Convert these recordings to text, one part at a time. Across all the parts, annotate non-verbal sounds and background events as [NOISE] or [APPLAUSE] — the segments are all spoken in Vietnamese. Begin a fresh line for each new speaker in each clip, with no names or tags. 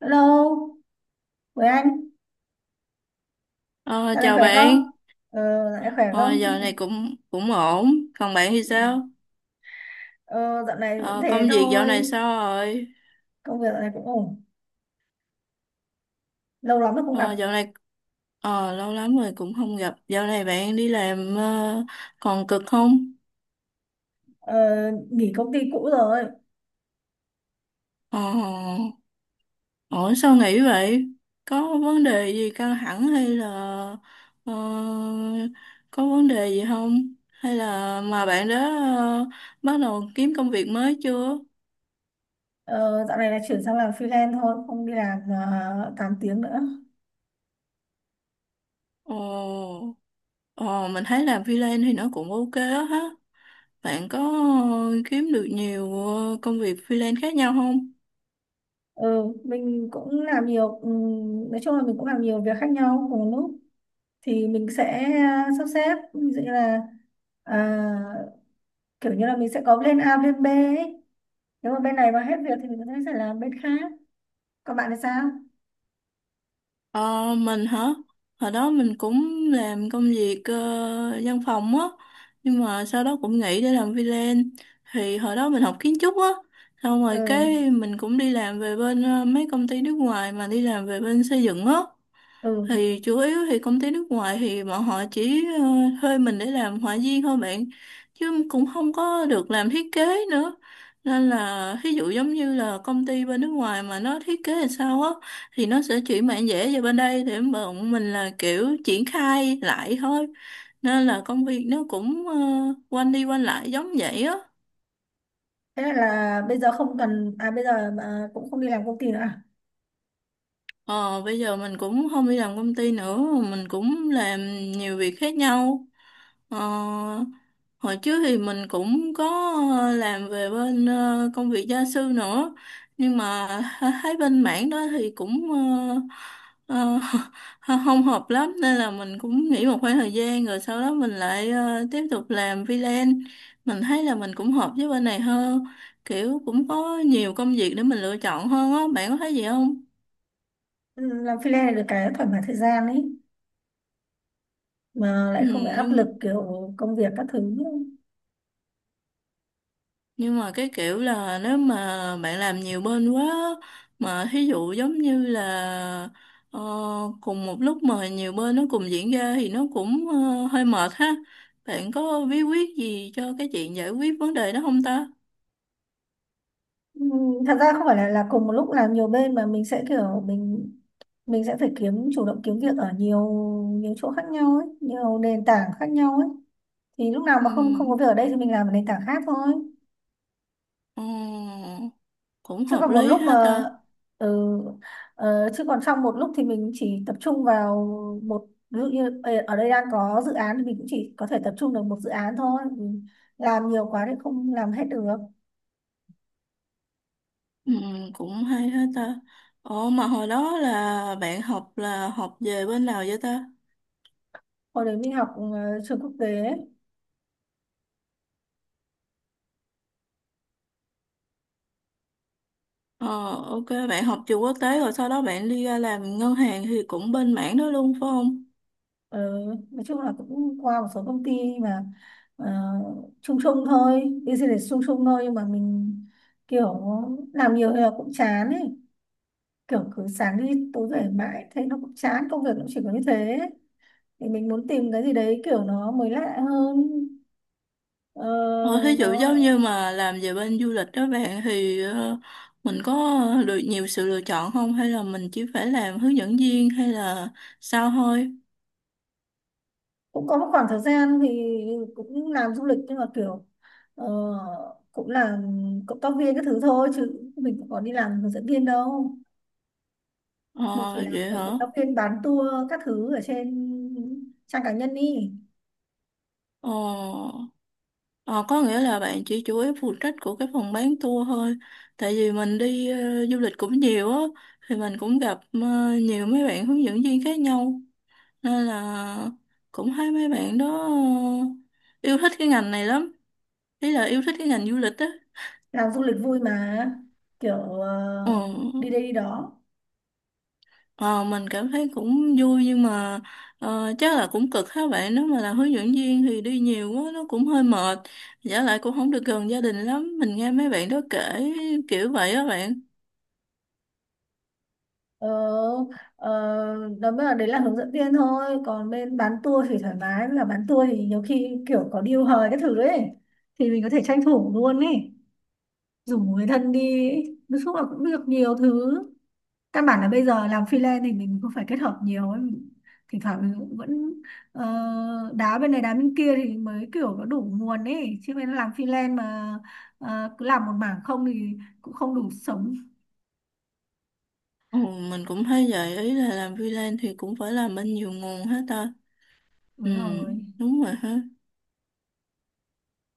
Hello, với anh,
Ờ,
dạo này
chào
khỏe không?
bạn,
Ờ, dạo này khỏe
ờ,
không?
giờ này cũng cũng ổn, còn bạn thì sao?
[LAUGHS] Ờ, Dạo này vẫn
Ờ, công
thế
việc dạo này
thôi.
sao rồi?
Công việc dạo này cũng ổn, lâu lắm rồi không gặp.
Ờ, dạo này lâu lắm rồi cũng không gặp, dạo này bạn đi làm còn cực không?
ờ, Nghỉ công ty cũ rồi.
Ờ, ổn sao nghỉ vậy? Có vấn đề gì căng thẳng hay là ờ, có vấn đề gì không? Hay là mà bạn đã ờ, bắt đầu kiếm công việc mới chưa?
Ờ, Dạo này là chuyển sang làm freelance thôi, không đi làm 8 tiếng nữa.
Ồ, mình thấy làm freelance thì nó cũng ok á ha. Bạn có kiếm được nhiều công việc freelance khác nhau không?
Ừ, mình cũng làm nhiều. Nói chung là mình cũng làm nhiều việc khác nhau cùng một lúc, thì mình sẽ sắp xếp, ví dụ như là à, kiểu như là mình sẽ có plan A, plan B ấy. Nếu mà bên này mà hết việc thì mình có thể sẽ làm bên khác. Còn bạn thì sao?
Ờ, mình hả? Hồi đó mình cũng làm công việc văn phòng á, nhưng mà sau đó cũng nghỉ để làm freelance. Thì hồi đó mình học kiến trúc á, xong rồi
Ừ,
cái mình cũng đi làm về bên mấy công ty nước ngoài mà đi làm về bên xây dựng á.
ừ.
Thì chủ yếu thì công ty nước ngoài thì bọn họ chỉ thuê mình để làm họa viên thôi bạn, chứ cũng không có được làm thiết kế nữa, nên là ví dụ giống như là công ty bên nước ngoài mà nó thiết kế làm sao á thì nó sẽ chuyển bản vẽ về bên đây để bọn mình là kiểu triển khai lại thôi, nên là công việc nó cũng quanh đi quanh lại giống vậy á.
Thế là bây giờ không cần, à bây giờ à, cũng không đi làm công ty nữa à?
Ờ, bây giờ mình cũng không đi làm công ty nữa, mình cũng làm nhiều việc khác nhau. Ờ, hồi trước thì mình cũng có làm về bên công việc gia sư nữa, nhưng mà thấy bên mảng đó thì cũng ờ, ờ, [LAUGHS] không hợp lắm, nên là mình cũng nghỉ một khoảng thời gian rồi sau đó mình lại tiếp tục làm freelance. Mình thấy là mình cũng hợp với bên này hơn, kiểu cũng có nhiều công việc để mình lựa chọn hơn á, bạn có thấy gì không?
Ừ, làm freelance là được cái thoải mái thời gian ấy, mà
Ừ,
lại không bị áp lực
nhưng
kiểu công việc các thứ.
Nhưng mà cái kiểu là nếu mà bạn làm nhiều bên quá á, mà thí dụ giống như là ờ, cùng một lúc mà nhiều bên nó cùng diễn ra thì nó cũng hơi mệt ha. Bạn có bí quyết gì cho cái chuyện giải quyết vấn đề đó không ta?
Ừ, thật ra không phải là cùng một lúc làm nhiều bên mà mình sẽ kiểu mình sẽ phải kiếm, chủ động kiếm việc ở nhiều nhiều chỗ khác nhau ấy, nhiều nền tảng khác nhau ấy. Thì lúc nào
Ừ,
mà không không có việc ở đây thì mình làm ở nền tảng khác thôi.
ờ, cũng
chứ
hợp
còn một
lý
lúc
ha
mà
ta.
ừ, Chứ còn trong một lúc thì mình chỉ tập trung vào một, ví dụ như ở đây đang có dự án thì mình cũng chỉ có thể tập trung được một dự án thôi, mình làm nhiều quá thì không làm hết được.
Ừ, cũng hay ha ta. Ồ mà hồi đó là bạn học là học về bên nào vậy ta?
Hồi đấy mình học trường quốc tế ấy.
Ờ, ok, bạn học trường quốc tế rồi sau đó bạn đi ra làm ngân hàng thì cũng bên mảng đó luôn phải không?
Ờ, nói chung là cũng qua một số công ty mà ờ, chung chung thôi, business chung chung thôi, nhưng mà mình kiểu làm nhiều thì là cũng chán ấy, kiểu cứ sáng đi tối về mãi thấy nó cũng chán, công việc nó chỉ có như thế thì mình muốn tìm cái gì đấy kiểu nó mới lạ hơn. ờ,
Ờ, thí
nó
dụ giống như mà làm về bên du lịch đó bạn thì mình có được nhiều sự lựa chọn không? Hay là mình chỉ phải làm hướng dẫn viên hay là sao thôi?
cũng có một khoảng thời gian thì cũng làm du lịch, nhưng mà kiểu ờ, cũng làm cộng tác viên các thứ thôi chứ mình cũng có đi làm hướng dẫn viên đâu. Mình chỉ
Ờ,
làm
vậy
ở cộng
hả?
tác viên bán tour các thứ ở trên trang cá nhân đi.
Ờ, ờ, có nghĩa là bạn chỉ chủ yếu phụ trách của cái phòng bán tour thôi. Tại vì mình đi du lịch cũng nhiều á, thì mình cũng gặp nhiều mấy bạn hướng dẫn viên khác nhau, nên là cũng thấy mấy bạn đó yêu thích cái ngành này lắm, ý là yêu thích cái ngành du lịch á.
Làm du lịch vui mà, kiểu
ờ,
ờ, đi đây đi đó.
ờ, mình cảm thấy cũng vui nhưng mà chắc là cũng cực các bạn, nếu mà là hướng dẫn viên thì đi nhiều quá nó cũng hơi mệt, giả lại cũng không được gần gia đình lắm, mình nghe mấy bạn đó kể kiểu vậy á bạn.
Ờ, ờ, đó mới là, đấy là hướng dẫn viên thôi, còn bên bán tour thì thoải mái, là bán tour thì nhiều khi kiểu có deal hời cái thứ ấy thì mình có thể tranh thủ luôn ấy, rủ người thân đi ấy. Nói chung là cũng được nhiều thứ, căn bản là bây giờ làm freelance thì mình cũng phải kết hợp nhiều ấy. Thỉnh thoảng mình cũng vẫn ờ, đá bên này đá bên kia thì mới kiểu có đủ nguồn ấy, chứ bên làm freelance mà cứ làm một mảng không thì cũng không đủ sống.
Ừ, mình cũng thấy vậy, ý là làm freelance thì cũng phải làm bên nhiều nguồn hết ta. Ừ,
Đúng rồi.
đúng rồi ha.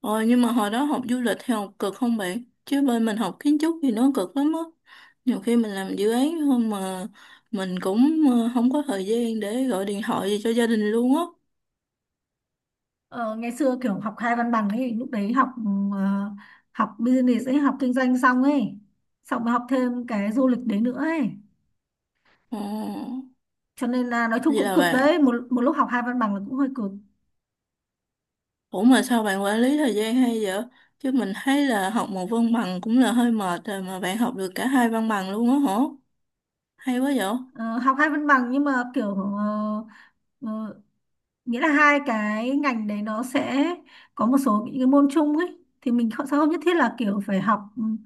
Ờ, nhưng mà hồi đó học du lịch thì học cực không bạn? Chứ bên mình học kiến trúc thì nó cực lắm á. Nhiều khi mình làm dự án không mà mình cũng không có thời gian để gọi điện thoại gì cho gia đình luôn á.
Ờ, Ngày xưa kiểu học hai văn bằng ấy, lúc đấy ờ, học business ấy, học kinh doanh xong ấy, xong mới học thêm cái du lịch đấy nữa ấy,
Ờ,
cho nên là nói chung
vậy
cũng
là
cực
bạn.
đấy, một một lúc học hai văn bằng là cũng hơi cực.
Ủa mà sao bạn quản lý thời gian hay vậy? Chứ mình thấy là học một văn bằng cũng là hơi mệt rồi mà bạn học được cả hai văn bằng luôn á hả? Hay quá vậy?
Ờ, Học hai văn bằng, nhưng mà kiểu ờ, nghĩa là hai cái ngành đấy nó sẽ có một số những cái môn chung ấy, thì mình không sao, không nhất thiết là kiểu phải học ừm,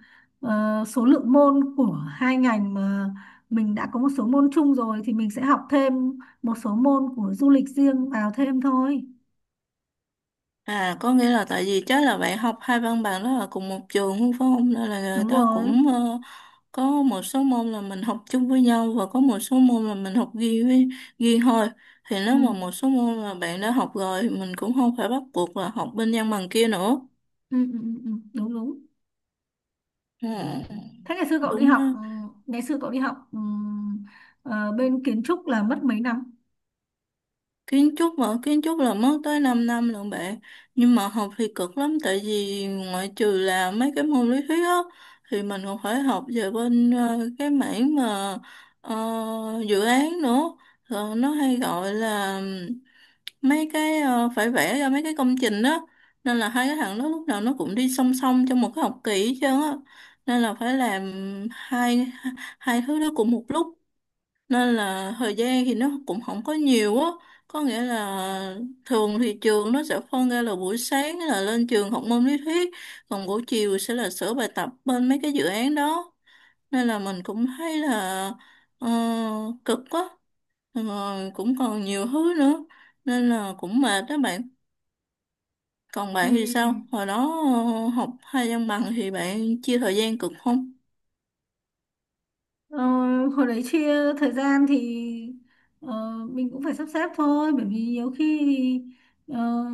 ờ, số lượng môn của hai ngành, mà mình đã có một số môn chung rồi thì mình sẽ học thêm một số môn của du lịch riêng vào thêm thôi.
À, có nghĩa là tại vì chắc là bạn học hai văn bằng đó là cùng một trường luôn phải không? Nên là người
Đúng
ta
rồi.
cũng có một số môn là mình học chung với nhau và có một số môn là mình học riêng với riêng thôi. Thì nếu mà
Ừ,
một số môn mà bạn đã học rồi mình cũng không phải bắt buộc là học bên văn bằng kia nữa.
ừ, ừ, ừ, ừ, đúng đúng.
Ừ,
thế ngày xưa cậu đi
đúng
học
ha.
ừ, ngày xưa cậu đi học ờ, bên kiến trúc là mất mấy năm?
Kiến trúc là mất tới 5 năm lận bạn, nhưng mà học thì cực lắm, tại vì ngoại trừ là mấy cái môn lý thuyết á thì mình còn phải học về bên cái mảng mà ờ, dự án nữa. Rồi nó hay gọi là mấy cái phải vẽ ra mấy cái công trình đó, nên là hai cái thằng đó lúc nào nó cũng đi song song trong một cái học kỳ hết trơn á, nên là phải làm hai hai thứ đó cùng một lúc, nên là thời gian thì nó cũng không có nhiều á. Có nghĩa là thường thì trường nó sẽ phân ra là buổi sáng là lên trường học môn lý thuyết, còn buổi chiều sẽ là sửa bài tập bên mấy cái dự án đó, nên là mình cũng thấy là ờ, cực quá, rồi cũng còn nhiều thứ nữa nên là cũng mệt đó bạn. Còn
Ừ.
bạn thì sao hồi đó học hai văn bằng thì bạn chia thời gian cực không?
Ờ, hồi đấy chia thời gian thì ờ, mình cũng phải sắp xếp thôi, bởi vì nhiều khi thì,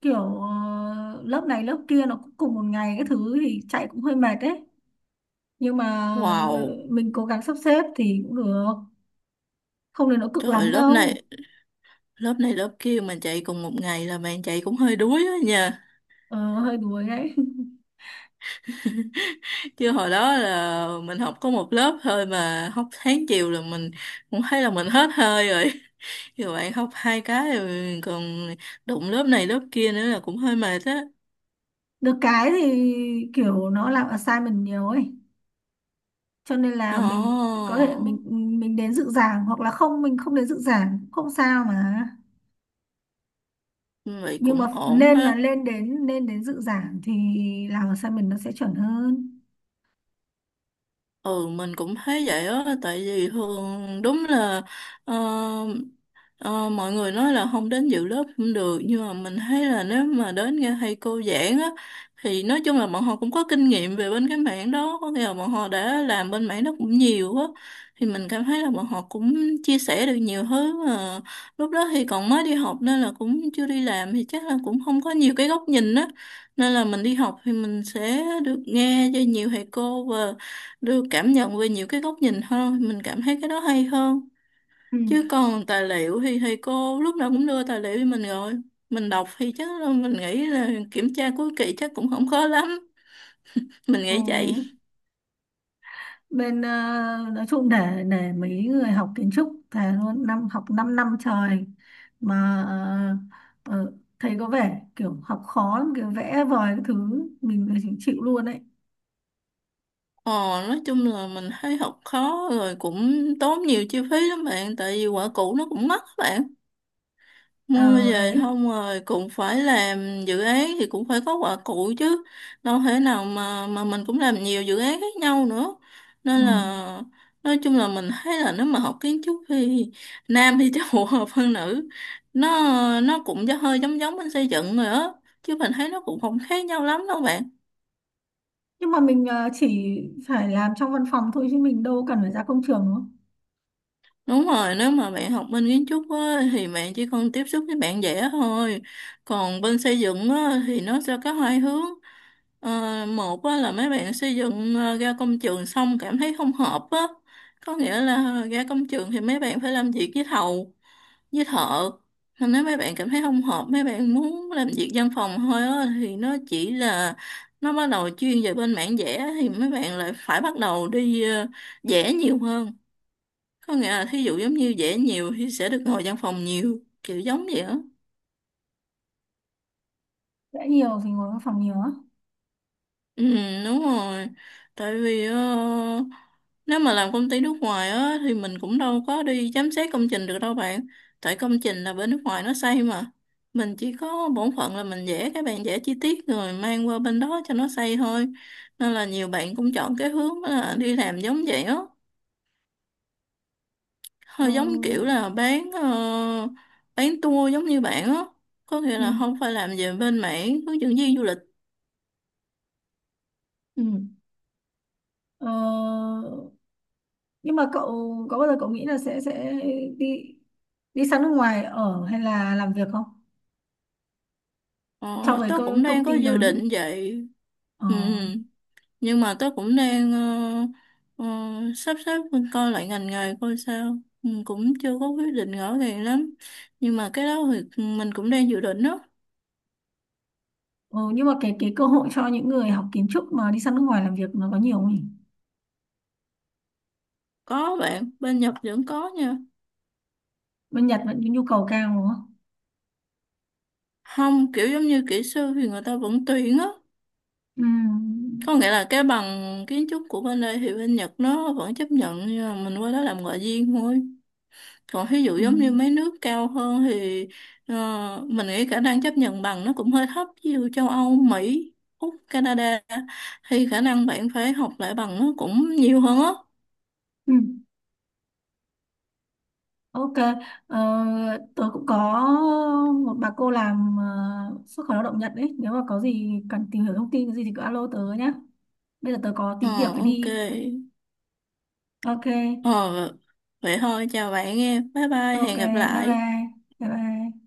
kiểu lớp này lớp kia nó cũng cùng một ngày cái thứ thì chạy cũng hơi mệt đấy, nhưng mà
Wow,
mình cố gắng sắp xếp thì cũng được, không đến nỗi cực lắm
trời lớp
đâu.
này lớp kia mà chạy cùng một ngày là bạn chạy cũng hơi đuối đó nha.
Ờ, hơi đuối đấy. [LAUGHS]
Chứ hồi đó là mình học có một lớp thôi mà học sáng chiều là mình cũng thấy là mình hết hơi rồi. [LAUGHS] Giờ bạn học hai cái rồi còn đụng lớp này lớp kia nữa là cũng hơi mệt á.
Được cái thì kiểu nó làm assignment nhiều ấy, cho nên
Ồ
là mình có thể mình đến dự giảng, hoặc là không, mình không đến dự giảng cũng không sao mà.
vậy
Nhưng mà
cũng ổn
nên là
ha.
lên đến dự giảng thì làm assignment nó sẽ chuẩn hơn.
Ừ, mình cũng thấy vậy á, tại vì thường đúng là ờ, ờ, mọi người nói là không đến dự lớp không được, nhưng mà mình thấy là nếu mà đến nghe thầy cô giảng á thì nói chung là bọn họ cũng có kinh nghiệm về bên cái mảng đó, có nghĩa là bọn họ đã làm bên mảng đó cũng nhiều á, thì mình cảm thấy là bọn họ cũng chia sẻ được nhiều thứ, mà lúc đó thì còn mới đi học nên là cũng chưa đi làm thì chắc là cũng không có nhiều cái góc nhìn á, nên là mình đi học thì mình sẽ được nghe cho nhiều thầy cô đưa cảm nhận về nhiều cái góc nhìn hơn, mình cảm thấy cái đó hay hơn.
Ừ.
Chứ còn tài liệu thì thầy cô lúc nào cũng đưa tài liệu cho mình rồi, mình đọc thì chắc là mình nghĩ là kiểm tra cuối kỳ chắc cũng không khó lắm, mình
Ừ.
nghĩ vậy.
bên ờ, nói chung, để mấy người học kiến trúc thề luôn, năm học 5 năm năm trời mà ờ, ờ, thấy có vẻ kiểu học khó lắm, kiểu vẽ vời cái thứ, mình là chỉ chịu luôn đấy.
ờ nói chung là mình thấy học khó rồi cũng tốn nhiều chi phí lắm bạn, tại vì quả cũ nó cũng mắc bạn, mua
Ờ
về
đấy.
không rồi cũng phải làm dự án thì cũng phải có quả cụ chứ, đâu thể nào mà mình cũng làm nhiều dự án khác nhau nữa,
Ừ.
nên là nói chung là mình thấy là nếu mà học kiến trúc thì nam thì [LAUGHS] chắc phù hợp hơn nữ. nó nó cũng hơi giống giống bên xây dựng rồi á, chứ mình thấy nó cũng không khác nhau lắm đâu bạn.
Nhưng mà mình chỉ phải làm trong văn phòng thôi chứ mình đâu cần phải ra công trường, đúng không?
Đúng rồi, nếu mà bạn học bên kiến trúc á, thì bạn chỉ cần tiếp xúc với bạn vẽ thôi. Còn bên xây dựng á, thì nó sẽ có hai hướng. Ờ, một á, là mấy bạn xây dựng ra công trường xong cảm thấy không hợp á. Có nghĩa là ra công trường thì mấy bạn phải làm việc với thầu, với thợ. Nên nếu mấy bạn cảm thấy không hợp, mấy bạn muốn làm việc văn phòng thôi á, thì nó chỉ là nó bắt đầu chuyên về bên mảng vẽ thì mấy bạn lại phải bắt đầu đi vẽ nhiều hơn. Có nghĩa là thí dụ giống như vẽ nhiều thì sẽ được ngồi văn phòng nhiều, kiểu giống vậy á.
Vẽ nhiều thì ngồi văn phòng nhiều á.
Ừ, đúng rồi. Tại vì nếu mà làm công ty nước ngoài á thì mình cũng đâu có đi giám sát công trình được đâu bạn. Tại công trình là bên nước ngoài nó xây mà. Mình chỉ có bổn phận là mình vẽ cái bạn vẽ chi tiết rồi mang qua bên đó cho nó xây thôi. Nên là nhiều bạn cũng chọn cái hướng là đi làm giống vậy á.
Ờ,
Họ giống kiểu là bán tour giống như bạn á, có nghĩa
ừ.
là không phải làm về bên mảng hướng dẫn viên du lịch.
Ừ. Ờ, nhưng mà cậu có bao giờ cậu nghĩ là sẽ đi đi sang nước ngoài ở hay là làm việc không? So
Ờ,
với
Tớ cũng đang
công
có
ty
dự
lớn.
định vậy.
Ờ.
Ừ, nhưng mà tớ cũng đang ờ, ờ, sắp xếp coi lại ngành nghề coi sao. Ừ, cũng chưa có quyết định rõ ràng lắm, nhưng mà cái đó thì mình cũng đang dự định đó.
Ừ, nhưng mà cái cơ hội cho những người học kiến trúc mà đi sang nước ngoài làm việc nó có nhiều không nhỉ?
Có bạn bên Nhật vẫn có nha.
Bên Nhật vẫn nhu cầu cao, đúng không?
Không, kiểu giống như kỹ sư thì người ta vẫn tuyển á,
Ừ.
có nghĩa là cái bằng kiến trúc của bên đây thì bên Nhật nó vẫn chấp nhận, nhưng mà mình qua đó làm ngoại viên thôi. Còn ví dụ
Ừ.
giống như mấy nước cao hơn thì ờ, mình nghĩ khả năng chấp nhận bằng nó cũng hơi thấp, ví dụ châu Âu, Mỹ, Úc, Canada thì khả năng bạn phải học lại bằng nó cũng nhiều hơn á.
Ừ. OK. Ờ, Tớ cũng có một bà cô làm xuất khẩu lao động Nhật đấy. Nếu mà có gì cần tìm hiểu thông tin cái gì thì cứ alo tớ nhé. Bây giờ tớ có tí việc
Ờ,
phải
ok.
đi. OK.
Ờ, vậy thôi, chào bạn nghe, bye bye,
OK,
hẹn gặp
bye
lại.
bye. Bye bye.